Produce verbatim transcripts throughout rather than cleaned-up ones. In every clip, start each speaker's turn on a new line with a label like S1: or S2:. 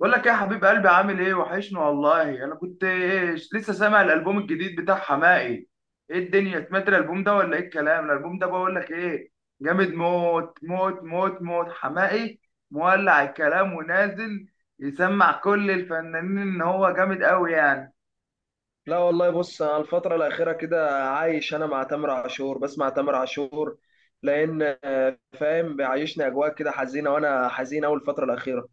S1: بقول لك إيه يا حبيب قلبي؟ عامل ايه؟ وحشني والله. انا كنت إيش، لسه سامع الالبوم الجديد بتاع حماقي. ايه الدنيا؟ سمعت الالبوم ده ولا ايه الكلام؟ الالبوم ده بقول لك ايه، جامد موت موت موت موت. حماقي مولع الكلام ونازل يسمع كل الفنانين ان هو جامد قوي يعني.
S2: لا والله، بص انا الفترة الأخيرة كده عايش، أنا مع تامر عاشور، بسمع تامر عاشور لأن آه، فاهم بيعيشني أجواء كده حزينة، وأنا حزين أوي الفترة الأخيرة.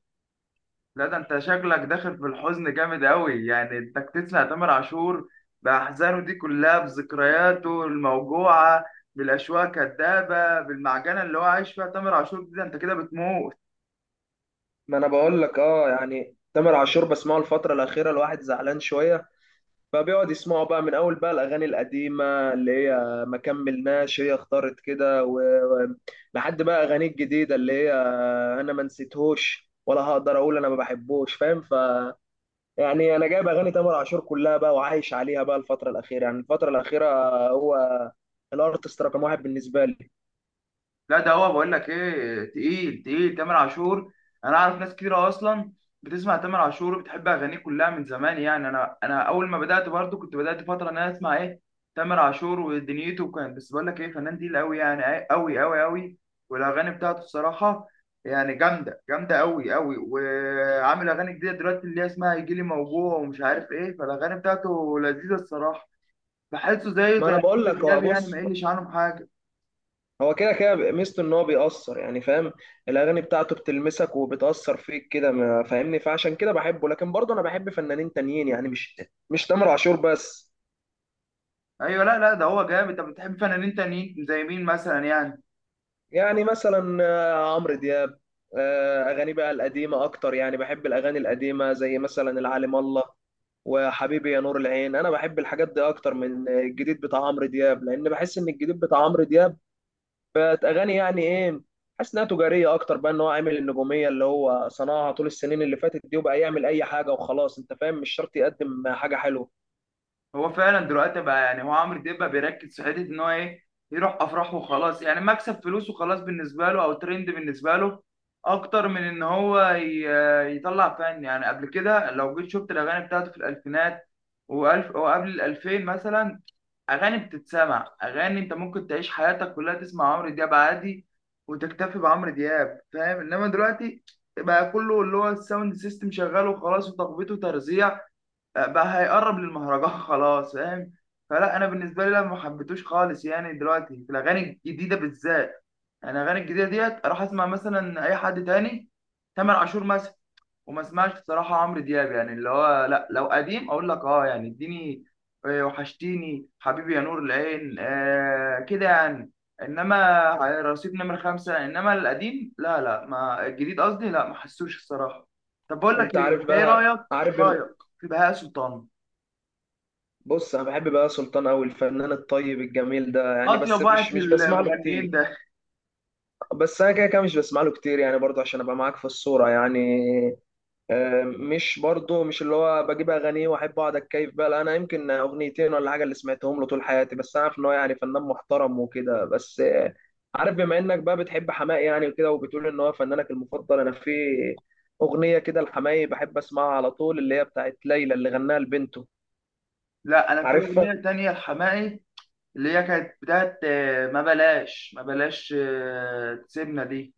S1: لا ده انت شكلك داخل في الحزن جامد قوي، يعني انك تسمع تامر عاشور باحزانه دي كلها، بذكرياته الموجوعه، بالاشواق الكدابه، بالمعجنه اللي هو عايش فيها تامر عاشور دي، ده انت كده بتموت.
S2: ما أنا بقول لك أه يعني تامر عاشور بسمعه الفترة الأخيرة، الواحد زعلان شوية، فبيقعد يسمعه بقى من أول بقى الأغاني القديمة اللي هي ما كملناش، هي اختارت كده و... و- لحد بقى أغاني الجديدة اللي هي آه، أنا ما نسيتهوش ولا هقدر أقول أنا ما بحبوش، فاهم يعني. انا جايب اغاني تامر عاشور كلها بقى وعايش عليها بقى الفتره الاخيره، يعني الفتره الاخيره، هو الارتست رقم واحد بالنسبه لي.
S1: لا ده هو بقول لك ايه، تقيل تقيل تامر عاشور. انا اعرف ناس كتيره اصلا بتسمع تامر عاشور وبتحب اغانيه كلها من زمان. يعني انا انا اول ما بدات برضو كنت بدات فتره ان انا اسمع ايه، تامر عاشور ودنيته. وكان بس بقول لك ايه، فنان تقيل قوي يعني، قوي قوي قوي. والاغاني بتاعته الصراحه يعني جامده جامده قوي قوي. وعامل اغاني جديده دلوقتي اللي هي اسمها يجي لي موجوع ومش عارف ايه، فالاغاني بتاعته لذيذه الصراحه. بحسه زيه
S2: ما
S1: زي
S2: انا بقول
S1: عمرو
S2: لك هو،
S1: دياب، يعني ما
S2: بص،
S1: يقلش عنهم حاجه.
S2: هو كده كده ميزته ان هو بيأثر، يعني فاهم. الاغاني بتاعته بتلمسك وبتأثر فيك كده ما- فاهمني، فعشان كده بحبه، لكن برضه انا بحب فنانين تانيين، يعني مش مش تامر عاشور بس.
S1: ايوه، لا لا ده هو جامد. طب بتحب فنانين تانيين زي مين مثلا يعني؟
S2: يعني مثلا آه، عمرو دياب. آه، اغاني بقى القديمه اكتر، يعني بحب الاغاني القديمه زي مثلا العالم الله، وحبيبي يا نور العين. انا بحب الحاجات دي اكتر من الجديد بتاع عمرو دياب، لان بحس ان الجديد بتاع عمرو دياب بقت اغاني، يعني ايه، حاسس انها تجاريه اكتر بقى، ان هو عامل النجوميه اللي هو صنعها طول السنين اللي فاتت دي، وبقى يعمل اي حاجه وخلاص، انت فاهم، مش شرط يقدم حاجه حلوه.
S1: هو فعلا دلوقتي بقى، يعني هو عمرو دياب بقى بيركز في حته ان هو ايه، يروح افراح وخلاص. يعني مكسب فلوس وخلاص بالنسبه له، او ترند بالنسبه له، اكتر من ان هو ي- يطلع فن. يعني قبل كده لو جيت شفت الاغاني بتاعته في الالفينات والف وقبل الالفين مثلا، اغاني بتتسمع. اغاني انت ممكن تعيش حياتك كلها تسمع عمرو دياب عادي وتكتفي بعمرو دياب، فاهم. انما دلوقتي بقى كله اللي هو الساوند سيستم شغال وخلاص، وتخبيط وترزيع، بقى هيقرب للمهرجان خلاص، فاهم. فلا انا بالنسبه لي لا، ما حبيتوش خالص يعني دلوقتي في الاغاني الجديده بالذات. يعني الاغاني الجديده ديت، اروح اسمع مثلا اي حد تاني، تامر عاشور مثلا، وما اسمعش بصراحه عمرو دياب. يعني اللي هو لا، لو قديم اقول لك اه، يعني اديني آه، وحشتيني، حبيبي يا نور العين، آه كده يعني. انما رصيد نمر خمسة، انما القديم لا لا. ما الجديد قصدي، لا ما حسوش الصراحه. طب بقول لك
S2: انت
S1: ايه،
S2: عارف
S1: انت ايه
S2: بقى،
S1: رايك؟
S2: عارف بم-
S1: رايك في بهاء سلطان؟
S2: بص، انا بحب بقى سلطان قوي، الفنان الطيب الجميل ده يعني، بس
S1: اطيب واحد
S2: مش
S1: في
S2: مش بسمع له
S1: المغنيين
S2: كتير.
S1: ده.
S2: بس انا كده كده مش بسمع له كتير يعني، برضه عشان ابقى معاك في الصوره يعني. آه، مش برضه مش اللي هو بجيب اغانيه واحب اقعد اتكيف بقى، لا انا يمكن اغنيتين ولا حاجه اللي سمعتهم له طول حياتي، بس انا عارف ان هو يعني فنان محترم وكده، بس آه، عارف، بما انك بقى بتحب حماقي يعني وكده، وبتقول ان هو فنانك المفضل، انا في اغنيه كده لحماقي بحب اسمعها على طول، اللي هي بتاعت ليلى، اللي غناها لبنته.
S1: لا انا في
S2: عارفها.
S1: اغنيه تانية لحماقي، اللي هي كانت بتاعت آه، ما بلاش، ما بلاش آه، تسيبنا دي.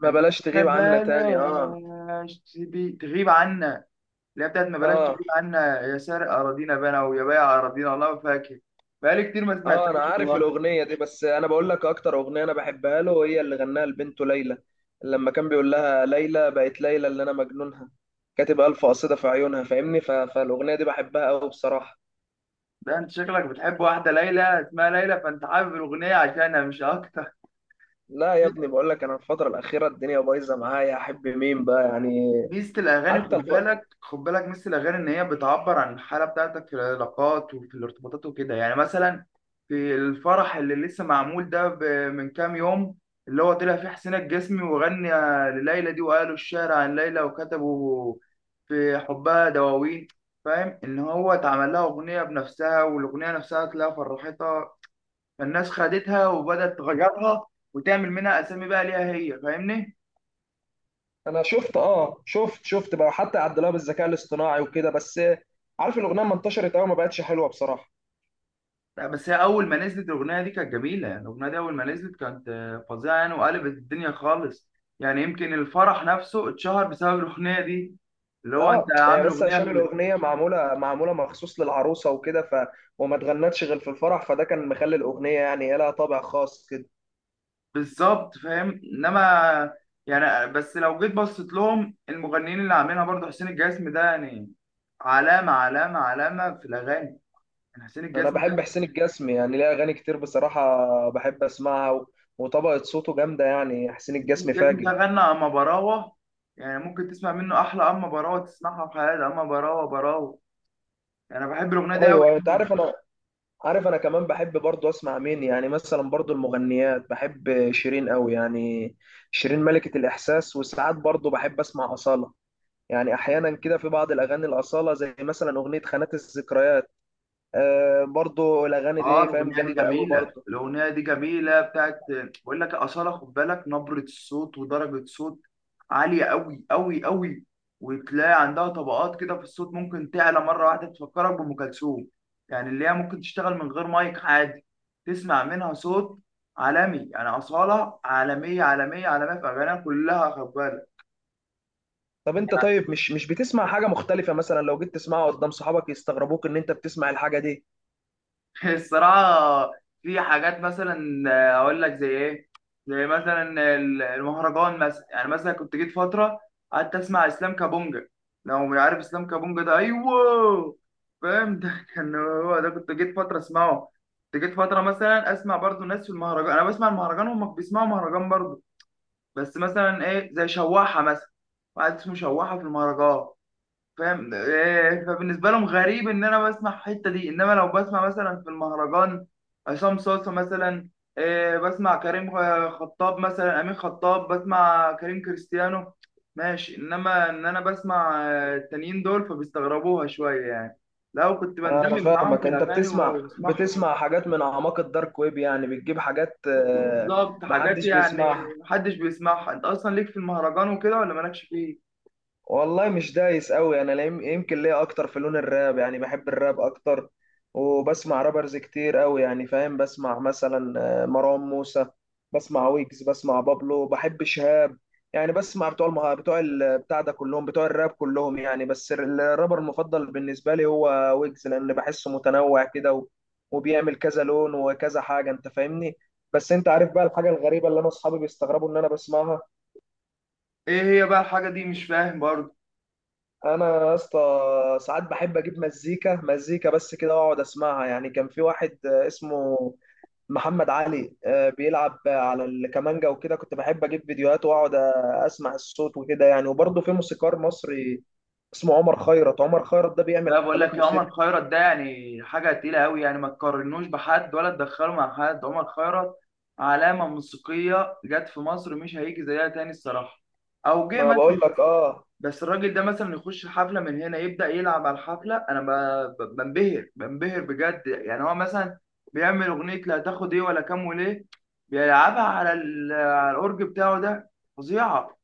S2: ما
S1: كانت
S2: بلاش
S1: ما
S2: تغيب عنا تاني، اه.
S1: بلاش تبي تغيب عنا، اللي هي بتاعت ما بلاش
S2: اه،
S1: تغيب عنا يا سارق أراضينا بنا، ويا بايع أراضينا. والله ما فاكر، بقالي كتير ما
S2: اه، انا
S1: سمعتهاش
S2: عارف
S1: والله.
S2: الاغنيه دي، بس انا بقول لك اكتر اغنيه انا بحبها له هي اللي غناها لبنته ليلى، لما كان بيقول لها ليلى بقت ليلى اللي انا مجنونها، كاتب الف قصيده في عيونها، فاهمني؟ ف... فالاغنيه دي بحبها قوي بصراحه.
S1: ده انت شكلك بتحب واحدة ليلى، اسمها ليلى، فانت حابب الأغنية عشانها مش أكتر.
S2: لا يا ابني، بقول لك انا الفتره الاخيره الدنيا بايظه معايا، احب مين بقى يعني.
S1: ميزة الأغاني
S2: حتى
S1: خد
S2: الف...
S1: بالك، خد بالك، ميزة الأغاني إن هي بتعبر عن الحالة بتاعتك في العلاقات وفي الارتباطات وكده. يعني مثلا في الفرح اللي لسه معمول ده ب- من كام يوم، اللي هو طلع فيه حسين الجسمي وغنى لليلى دي، وقالوا الشعر عن ليلى، وكتبوا في حبها دواوين. فاهم إن هو اتعمل لها أغنية بنفسها، والأغنية نفسها تلاقيها فرحتها. فالناس خدتها وبدأت تغيرها وتعمل منها أسامي بقى ليها هي، فاهمني؟
S2: انا شفت، اه، شفت شفت بقى، حتى عدلوها بالذكاء الاصطناعي وكده، بس عارف الاغنيه ما انتشرت قوي، ما بقتش حلوه بصراحه.
S1: لا بس هي اول ما نزلت الاغنيه دي كانت جميله. يعني الاغنيه دي اول ما نزلت كانت آه، فظيعه يعني، وقلبت الدنيا خالص. يعني يمكن الفرح نفسه اتشهر بسبب الاغنيه دي، اللي هو انت
S2: اه، هي
S1: عامل
S2: بس
S1: اغنيه
S2: عشان
S1: ل-
S2: الاغنيه معموله معموله مخصوص للعروسه وكده، ف وما اتغنتش غير في الفرح، فده كان مخلي الاغنيه يعني لها طابع خاص كده.
S1: بالظبط، فاهم. انما يعني بس لو جيت بصيت لهم، المغنيين اللي عاملينها برضه، حسين الجسمي ده يعني علامه، علامه، علامه في الاغاني. يعني حسين
S2: انا
S1: الجسمي
S2: بحب
S1: ده،
S2: حسين الجسمي، يعني ليه اغاني كتير بصراحه بحب اسمعها، و... وطبقه صوته جامده، يعني حسين
S1: حسين
S2: الجسمي
S1: الجسمي ده
S2: فاجر.
S1: غنى اما براوه. يعني ممكن تسمع منه احلى اما براوه تسمعها في حياتك، اما براوه براوه. يعني انا بحب الاغنيه دي قوي.
S2: ايوه، انت عارف انا، عارف انا كمان بحب برضو اسمع مين يعني، مثلا برضو المغنيات، بحب شيرين قوي يعني، شيرين ملكه الاحساس. وساعات برضو بحب اسمع اصاله، يعني احيانا كده في بعض الاغاني الاصاله، زي مثلا اغنيه خانات الذكريات. آه برضو الاغاني
S1: اه
S2: دي فاهم
S1: الاغنيه دي
S2: جامده قوي
S1: جميله،
S2: برضو.
S1: الاغنيه دي جميله بتاعت، بقول لك اصاله خد بالك، نبره الصوت ودرجه صوت عاليه قوي قوي قوي. وتلاقي عندها طبقات كده في الصوت، ممكن تعلى مره واحده تفكرك بام كلثوم. يعني اللي هي ممكن تشتغل من غير مايك عادي، تسمع منها صوت عالمي. يعني اصاله عالميه، عالميه، عالميه في اغانيها كلها خد بالك.
S2: طب انت، طيب مش مش بتسمع حاجه مختلفه، مثلا لو جيت تسمعها قدام صحابك يستغربوك ان انت بتسمع الحاجه دي؟
S1: الصراحة في حاجات مثلا، آه، أقول لك زي إيه؟ زي مثلا ال- المهرجان مثلا. يعني مثلا كنت جيت فترة قعدت أسمع إسلام كابونجا، لو مش عارف إسلام كابونجا ده، أيوه، فاهم، ده كان هو ده، كنت جيت فترة أسمعه. كنت جيت فترة مثلا أسمع برضو ناس في المهرجان، أنا بسمع المهرجان وهم بيسمعوا مهرجان برضو، بس مثلا إيه، زي شواحة مثلا، واحد اسمه شواحة في المهرجان، فاهم. آه، فبالنسبه لهم غريب ان انا بسمع الحته دي. انما لو بسمع مثلا في المهرجان عصام صاصا مثلا، آه، بسمع كريم، آه، خطاب مثلا، امين خطاب، بسمع كريم كريستيانو، ماشي. انما ان انا بسمع آه، التانيين دول فبيستغربوها شويه يعني، لو كنت
S2: انا
S1: بندمج معاهم في
S2: فاهمك، انت
S1: الاغاني و-
S2: بتسمع
S1: وبسمعهم.
S2: بتسمع حاجات من اعماق الدارك ويب، يعني بتجيب حاجات آه
S1: بالظبط، حاجات
S2: محدش
S1: يعني
S2: بيسمعها.
S1: محدش بيسمعها. انت اصلا ليك في المهرجان وكده ولا مالكش فيه؟
S2: والله مش دايس قوي انا، لا- يم- يمكن ليا اكتر في لون الراب، يعني بحب الراب اكتر، وبسمع رابرز كتير قوي يعني، فاهم بسمع مثلا آه، مروان موسى، بسمع ويجز، بسمع بابلو، بحب شهاب يعني، بسمع بتوع المه... بتوع ال... بتاع ده كلهم بتوع الراب كلهم يعني، بس ال- الرابر المفضل بالنسبة لي هو ويجز، لان بحسه متنوع كده و... وبيعمل كذا لون وكذا حاجة، انت فاهمني. بس انت عارف بقى الحاجة الغريبة اللي انا اصحابي بيستغربوا ان انا بسمعها؟
S1: ايه هي بقى الحاجه دي؟ مش فاهم برضه.
S2: انا يا اسطى، ساعات بحب اجيب مزيكا، مزيكا بس كده، واقعد اسمعها يعني. كان في واحد آه، اسمه محمد علي، آه، بيلعب على الكمانجا وكده، كنت بحب اجيب فيديوهات واقعد آه، اسمع الصوت وكده يعني. وبرضه في موسيقار مصري اسمه عمر خيرت، عمر خيرت ده بيعمل
S1: لا بقول
S2: حفلات
S1: لك، يا عمر
S2: موسيقى.
S1: خيرت ده يعني حاجة تقيلة قوي، يعني ما تقارنوش بحد، ولا تدخله مع حد. عمر خيرت علامة موسيقية جت في مصر مش هيجي زيها تاني الصراحة، أو جه
S2: ما
S1: مثلا،
S2: بقول لك،
S1: بس،
S2: اه.
S1: بس الراجل ده مثلا يخش حفلة من هنا، يبدأ يلعب على الحفلة أنا ب- ب- بنبهر بنبهر بجد. يعني هو مثلا بيعمل أغنية لا تاخد إيه ولا كام وليه، بيلعبها على ال- على الأورج بتاعه ده. فظيعة،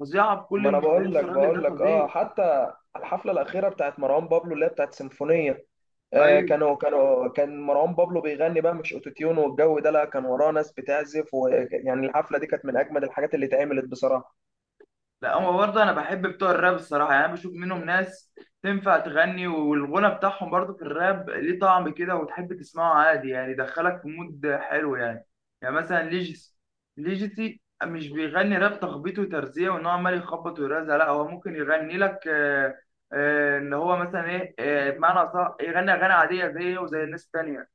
S1: فظيعة بكل
S2: ما انا بقول
S1: المقاييس،
S2: لك
S1: الراجل
S2: بقول
S1: ده
S2: لك اه،
S1: فظيع.
S2: حتى الحفلة الأخيرة بتاعت مروان بابلو اللي هي بتاعت سيمفونية، آه،
S1: أيوه.
S2: كانوا كانوا كان مروان بابلو بيغني بقى مش اوتوتيون والجو ده، لا، كان وراه ناس بتعزف، ويعني الحفله دي كانت من اجمد الحاجات اللي اتعملت بصراحه.
S1: لا هو برضه انا بحب بتوع الراب الصراحه. يعني انا بشوف منهم ناس تنفع تغني، والغنى بتاعهم برضه في الراب ليه طعم كده، وتحب تسمعه عادي، يعني يدخلك في مود حلو يعني. يعني مثلا ليجيسي، ليجيسي مش بيغني راب تخبيط وترزيع وان هو عمال يخبط ويرزع، لا هو ممكن يغني لك آه، آه، ان هو مثلا ايه، آه، بمعنى صح، يغني اغاني عاديه زيه وزي الناس التانيه.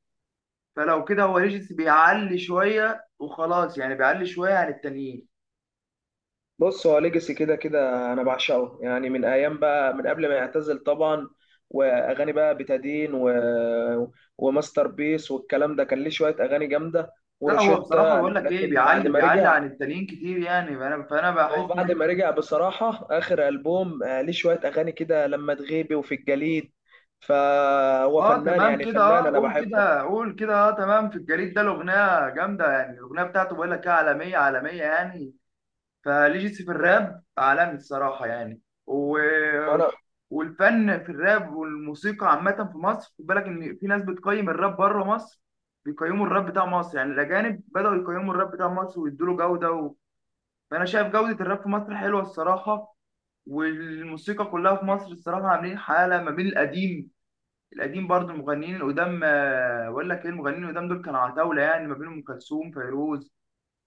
S1: فلو كده هو ليجيسي بيعلي شويه وخلاص، يعني بيعلي شويه عن التانيين.
S2: بص، هو ليجاسي كده كده انا بعشقه، يعني من ايام بقى، من قبل ما يعتزل طبعا، واغاني بقى بتادين و... وماستر بيس والكلام ده، كان ليه شويه اغاني جامده
S1: لا هو بصراحة
S2: وروشيتا.
S1: بقول لك ايه،
S2: لكن بعد
S1: بيعلي،
S2: ما
S1: بيعلي
S2: رجع،
S1: عن التانيين كتير يعني. فانا فانا بحس
S2: هو
S1: ان،
S2: بعد ما رجع بصراحة آخر ألبوم آه، ليه شوية أغاني كده لما تغيبي وفي الجليد، فهو
S1: اه
S2: فنان
S1: تمام
S2: يعني،
S1: كده،
S2: فنان
S1: اه
S2: أنا
S1: قول
S2: بحبه.
S1: كده قول كده، اه تمام. في الجريد ده الأغنية جامدة يعني، الأغنية بتاعته بقول لك ايه، عالمية عالمية يعني. فليجيسي في الراب عالمي الصراحة يعني، و...
S2: ما أنا
S1: والفن في الراب والموسيقى عامة في مصر، خد بالك ان في ناس بتقيم الراب بره مصر، بيقيموا الراب بتاع مصر. يعني الأجانب بدأوا يقيموا الراب بتاع مصر ويدوا له جودة و... فأنا شايف جودة الراب في مصر حلوة الصراحة. والموسيقى كلها في مصر الصراحة عاملين حالة ما بين القديم، القديم برضه المغنيين القدام، آه، أقول لك إيه، المغنيين القدام دول كانوا عتاولة يعني، ما بين أم كلثوم، فيروز،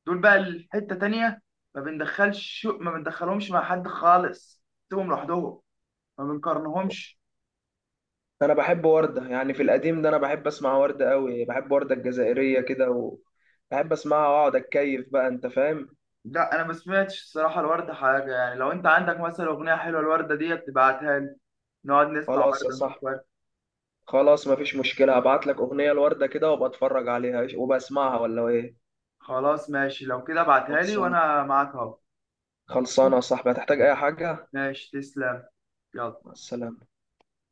S1: دول بقى الحتة تانية، ما بندخلش ما بندخلهمش مع حد خالص، سيبهم لوحدهم، ما بنقارنهمش.
S2: أنا بحب وردة يعني، في القديم ده أنا بحب أسمع وردة أوي، بحب وردة الجزائرية كده، وبحب أسمعها وأقعد أتكيف بقى، أنت فاهم.
S1: لا أنا ما سمعتش الصراحة الوردة حاجة، يعني لو أنت عندك مثلا أغنية حلوة الوردة ديت تبعتها لي، نقعد نسمع
S2: خلاص يا
S1: وردة، نشوف
S2: صاحبي،
S1: وردة.
S2: خلاص، مفيش مشكلة، هبعت لك أغنية لوردة كده، وأبقى أتفرج عليها وبسمعها، ولا إيه؟
S1: خلاص ماشي، لو كده ابعتها لي
S2: خلصان.
S1: وأنا معاك أهو.
S2: خلصانة يا صاحبي، هتحتاج أي حاجة؟
S1: ماشي تسلم، يلا.
S2: مع السلامة.